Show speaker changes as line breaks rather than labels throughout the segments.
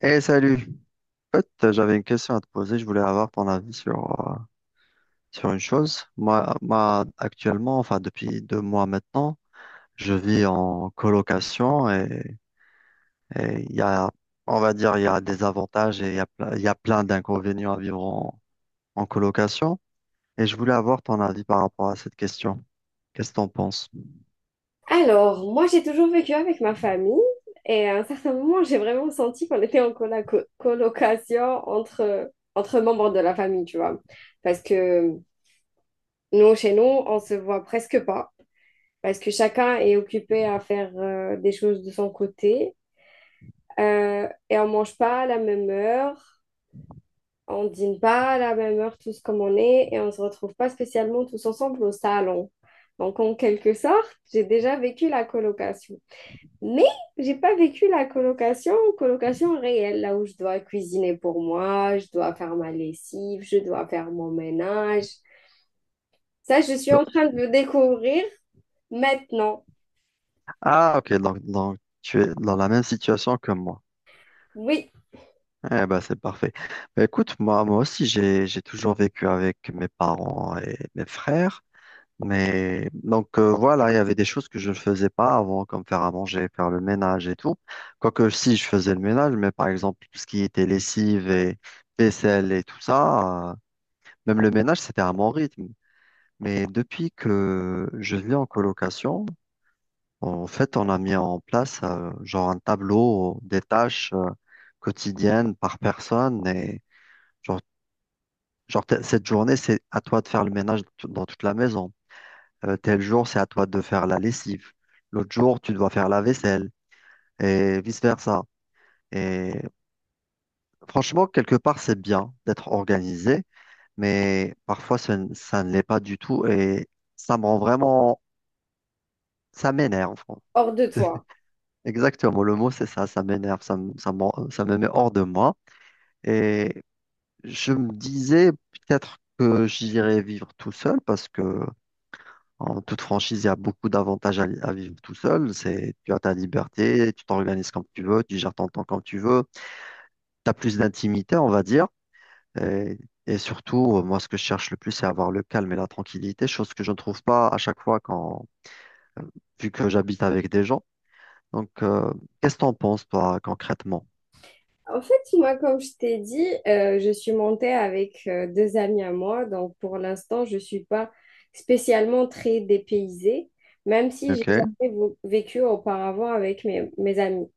Eh salut, en fait j'avais une question à te poser, je voulais avoir ton avis sur, sur une chose. Moi, actuellement, enfin depuis deux mois maintenant, je vis en colocation et il y a, on va dire, il y a des avantages et il y a, il y a plein d'inconvénients à vivre en colocation. Et je voulais avoir ton avis par rapport à cette question. Qu'est-ce que t'en penses?
Alors, moi, j'ai toujours vécu avec ma famille et à un certain moment, j'ai vraiment senti qu'on était en colocation entre membres de la famille, tu vois. Parce que nous, chez nous, on se voit presque pas parce que chacun est occupé à faire des choses de son côté. Et on mange pas à la même heure, on dîne pas à la même heure tous comme on est et on se retrouve pas spécialement tous ensemble au salon. Donc, en quelque sorte, j'ai déjà vécu la colocation. Mais j'ai pas vécu la colocation, colocation réelle, là où je dois cuisiner pour moi, je dois faire ma lessive, je dois faire mon ménage. Ça, je suis en train de le découvrir maintenant.
Ah ok, donc tu es dans la même situation que moi.
Oui,
Eh ben, c'est parfait. Bah, écoute, moi aussi, j'ai toujours vécu avec mes parents et mes frères. Mais donc, voilà, il y avait des choses que je ne faisais pas avant, comme faire à manger, faire le ménage et tout. Quoique, si, je faisais le ménage, mais par exemple, tout ce qui était lessive et vaisselle et tout ça, même le ménage, c'était à mon rythme. Mais depuis que je vis en colocation, en fait, on a mis en place, genre un tableau des tâches, quotidiennes par personne et genre Genre, cette journée, c'est à toi de faire le ménage dans toute la maison. Tel jour, c'est à toi de faire la lessive. L'autre jour, tu dois faire la vaisselle et vice-versa. Et franchement, quelque part, c'est bien d'être organisé, mais parfois, ça ne l'est pas du tout et ça me rend vraiment, ça m'énerve.
hors de toi.
Exactement, le mot, c'est ça, ça m'énerve, ça me met hors de moi. Et je me disais peut-être que j'irais vivre tout seul parce que En toute franchise, il y a beaucoup d'avantages à vivre tout seul. C'est, tu as ta liberté, tu t'organises comme tu veux, tu gères ton temps comme tu veux. Tu as plus d'intimité, on va dire. Et, et surtout, moi, ce que je cherche le plus, c'est avoir le calme et la tranquillité, chose que je ne trouve pas à chaque fois quand, vu que j'habite avec des gens. Donc, qu'est-ce que t'en penses, toi, concrètement?
En fait, moi, comme je t'ai dit, je suis montée avec deux amis à moi, donc pour l'instant, je ne suis pas spécialement très dépaysée, même si j'ai
Ok,
jamais vécu auparavant avec mes amis.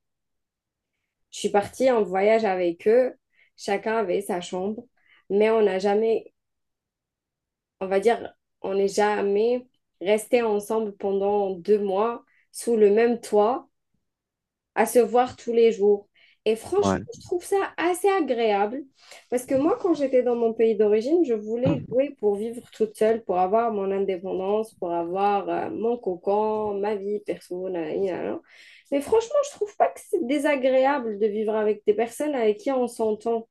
Je suis partie en voyage avec eux. Chacun avait sa chambre, mais on n'a jamais, on va dire, on n'est jamais resté ensemble pendant 2 mois sous le même toit à se voir tous les jours. Et franchement,
ouais.
je trouve ça assez agréable parce que moi, quand j'étais dans mon pays d'origine, je voulais louer pour vivre toute seule, pour avoir mon indépendance, pour avoir mon cocon, ma vie perso, na, na, na. Mais franchement, je trouve pas que c'est désagréable de vivre avec des personnes avec qui on s'entend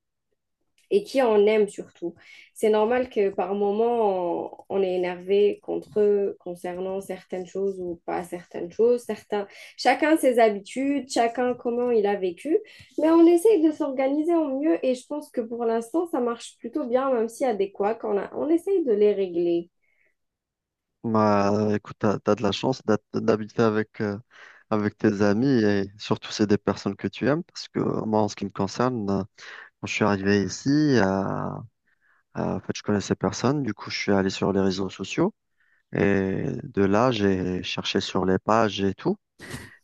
et qui en aiment surtout. C'est normal que par moment, on est énervé contre eux concernant certaines choses ou pas certaines choses. Certains, chacun ses habitudes, chacun comment il a vécu, mais on essaye de s'organiser au mieux et je pense que pour l'instant, ça marche plutôt bien, même s'il y a des couacs, on essaye de les régler.
Bah, écoute, t'as de la chance d'habiter avec, avec tes amis et surtout c'est des personnes que tu aimes parce que moi, en ce qui me concerne, quand je suis arrivé ici, en fait, je connaissais personne. Du coup, je suis allé sur les réseaux sociaux. Et de là, j'ai cherché sur les pages et tout,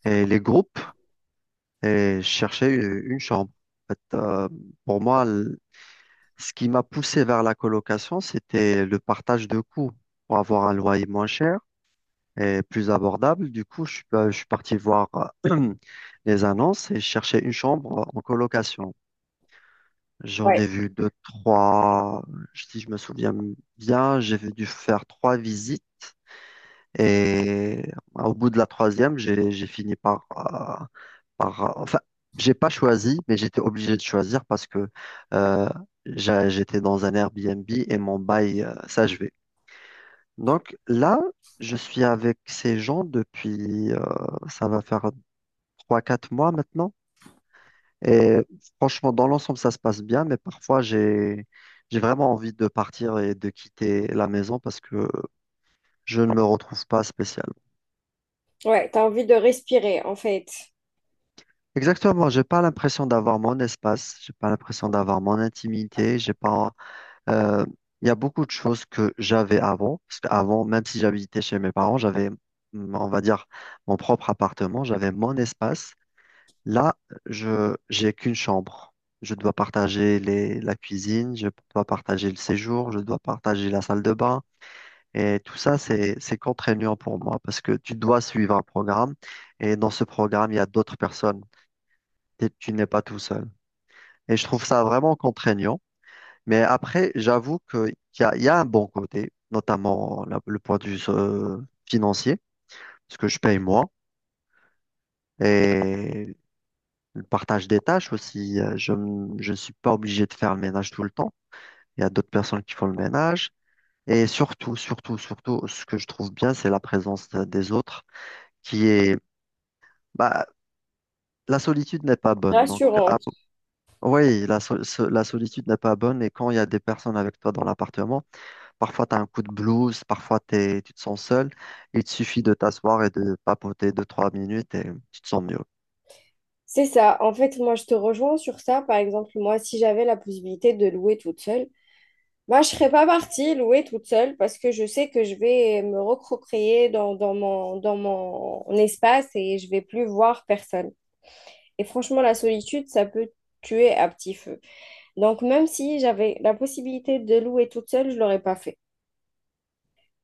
et les groupes, et je cherchais une chambre. En fait, pour moi, ce qui m'a poussé vers la colocation, c'était le partage de coûts pour avoir un loyer moins cher et plus abordable. Du coup, je suis parti voir euh, les annonces et chercher une chambre en colocation. J'en ai
Ouais,
vu deux, trois. Si je me souviens bien, j'ai dû faire 3 visites. Et au bout de la troisième, j'ai fini enfin, j'ai pas choisi, mais j'étais obligé de choisir parce que euh, j'étais dans un Airbnb et mon bail s'achevait. Donc là, je suis avec ces gens depuis, ça va faire 3, 4 mois maintenant. Et franchement, dans l'ensemble, ça se passe bien, mais parfois, j'ai vraiment envie de partir et de quitter la maison parce que je ne me retrouve pas spécialement.
ouais, t'as envie de respirer en fait.
Exactement, j'ai pas l'impression d'avoir mon espace, j'ai pas l'impression d'avoir mon intimité, j'ai pas, euh, il y a beaucoup de choses que j'avais avant, parce qu'avant, même si j'habitais chez mes parents, j'avais, on va dire, mon propre appartement, j'avais mon espace. Là, je j'ai qu'une chambre. Je dois partager la cuisine, je dois partager le séjour, je dois partager la salle de bain. Et tout ça, c'est contraignant pour moi parce que tu dois suivre un programme et dans ce programme, il y a d'autres personnes. Tu n'es pas tout seul. Et je trouve ça vraiment contraignant. Mais après, j'avoue qu'il y a, il y a un bon côté, notamment le point de vue financier, parce que je paye moi. Et le partage des tâches aussi, je ne suis pas obligé de faire le ménage tout le temps. Il y a d'autres personnes qui font le ménage. Et surtout, surtout, surtout, ce que je trouve bien, c'est la présence des autres qui est... Bah, la solitude n'est pas bonne. Donc, ah,
Rassurant.
oui, la solitude n'est pas bonne. Et quand il y a des personnes avec toi dans l'appartement, parfois tu as un coup de blues, parfois tu te sens seul. Il te suffit de t'asseoir et de papoter 2, 3 minutes et tu te sens mieux.
C'est ça. En fait, moi, je te rejoins sur ça. Par exemple, moi, si j'avais la possibilité de louer toute seule, moi, je serais pas partie louer toute seule parce que je sais que je vais me recroquer dans dans mon espace et je vais plus voir personne. Et franchement, la solitude, ça peut tuer à petit feu. Donc, même si j'avais la possibilité de louer toute seule, je l'aurais pas fait.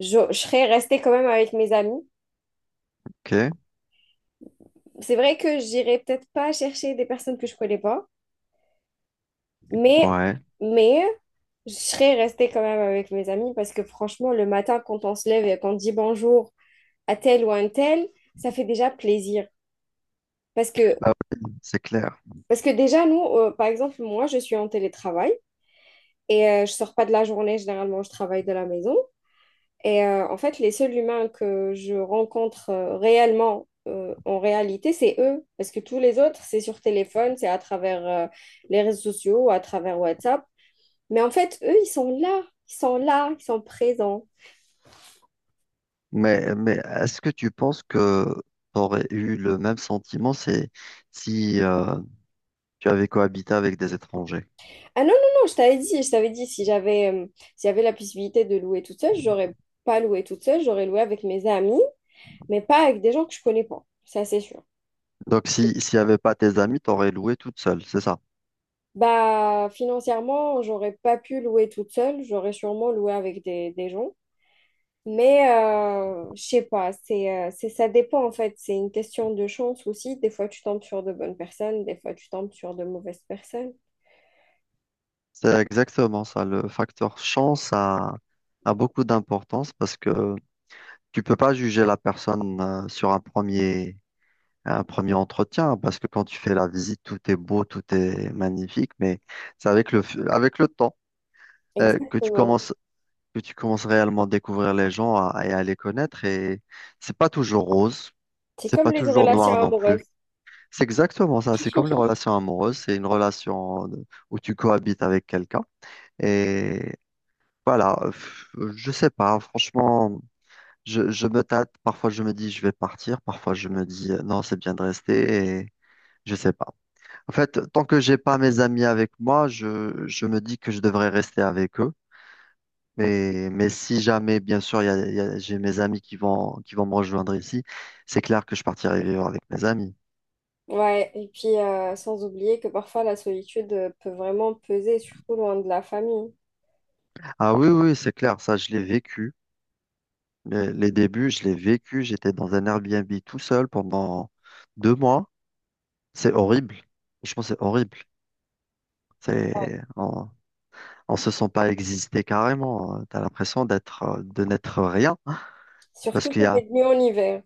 Je serais restée quand même avec mes amis.
OK?
C'est vrai que j'irais peut-être pas chercher des personnes que je connais pas, mais,
Ouais.
mais je serais restée quand même avec mes amis parce que franchement, le matin, quand on se lève et qu'on dit bonjour, à tel ou à un tel, ça fait déjà plaisir. Parce que,
Bah oui, c'est clair.
parce que déjà, nous, par exemple, moi, je suis en télétravail et je sors pas de la journée, généralement, je travaille de la maison. Et en fait, les seuls humains que je rencontre réellement, en réalité, c'est eux. Parce que tous les autres, c'est sur téléphone, c'est à travers les réseaux sociaux, à travers WhatsApp. Mais en fait, eux, ils sont là, ils sont là, ils sont présents.
Mais est-ce que tu penses que tu aurais eu le même sentiment c'est si tu avais cohabité avec des étrangers?
Ah non, non, non, je t'avais dit, si j'avais si j'avais la possibilité de louer toute seule, j'aurais pas loué toute seule, j'aurais loué avec mes amis, mais pas avec des gens que je connais pas, ça c'est sûr.
Donc, si, s'il n'y avait pas tes amis, tu aurais loué toute seule, c'est ça.
Bah, financièrement, j'aurais pas pu louer toute seule, j'aurais sûrement loué avec des gens, mais je sais pas, c'est, ça dépend en fait, c'est une question de chance aussi, des fois tu tombes sur de bonnes personnes, des fois tu tombes sur de mauvaises personnes.
C'est exactement ça. Le facteur chance a, a beaucoup d'importance parce que tu peux pas juger la personne sur un premier entretien parce que quand tu fais la visite, tout est beau, tout est magnifique, mais c'est avec avec le temps euh, que tu
Exactement.
commences que tu commences réellement à découvrir les gens et à les connaître. Et c'est pas toujours rose,
C'est
c'est
comme
pas
les
toujours noir
relations
non plus.
amoureuses.
C'est exactement ça. C'est comme les relations amoureuses. C'est une où tu cohabites avec quelqu'un. Et voilà, je sais pas. Franchement, je me tâte. Parfois, je me dis je vais partir. Parfois, je me dis non, c'est bien de rester. Et je sais pas. En fait, tant que j'ai pas mes amis avec moi, je me dis que je devrais rester avec eux. Mais si jamais, bien sûr, j'ai mes amis qui vont me rejoindre ici, c'est clair que je partirai vivre avec mes amis.
Ouais, et puis sans oublier que parfois la solitude peut vraiment peser, surtout loin de la famille.
Ah oui, oui, c'est clair, ça, je l'ai vécu. Les débuts, je l'ai vécu. J'étais dans un Airbnb tout seul pendant 2 mois. C'est horrible. Franchement, c'est horrible. C'est, on, on se sent pas exister carrément. T'as l'impression de n'être rien. Parce
Surtout
qu'il y
si
a,
t'es venu en hiver,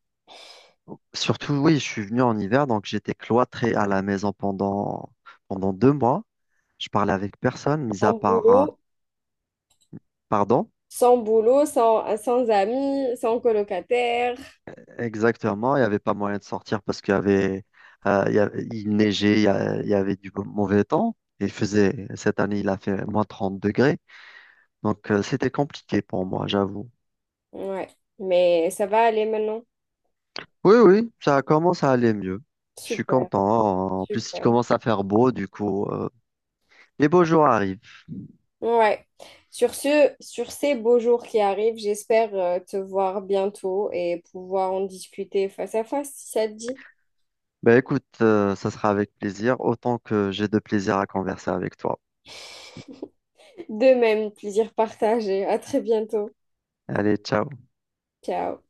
surtout, oui, je suis venu en hiver, donc j'étais cloîtré à la maison pendant 2 mois. Je parlais avec personne, mis à
en
part.
boulot
Pardon?
sans boulot, sans amis, sans colocataire.
Exactement, il n'y avait pas moyen de sortir parce qu'il neigeait, il y avait du mauvais temps. Il faisait, cette année, il a fait moins 30 degrés. Donc, c'était compliqué pour moi, j'avoue.
Ouais, mais ça va aller maintenant.
Oui, oui, ça commence à aller mieux. Je suis
Super,
content. En plus, il
super.
commence à faire beau, du coup, les beaux jours arrivent.
Ouais. Sur ce, sur ces beaux jours qui arrivent, j'espère te voir bientôt et pouvoir en discuter face à face, si ça te dit.
Ben écoute, ça sera avec plaisir, autant que j'ai de plaisir à converser avec toi.
De même, plaisir partagé. À très bientôt.
Allez, ciao.
Ciao.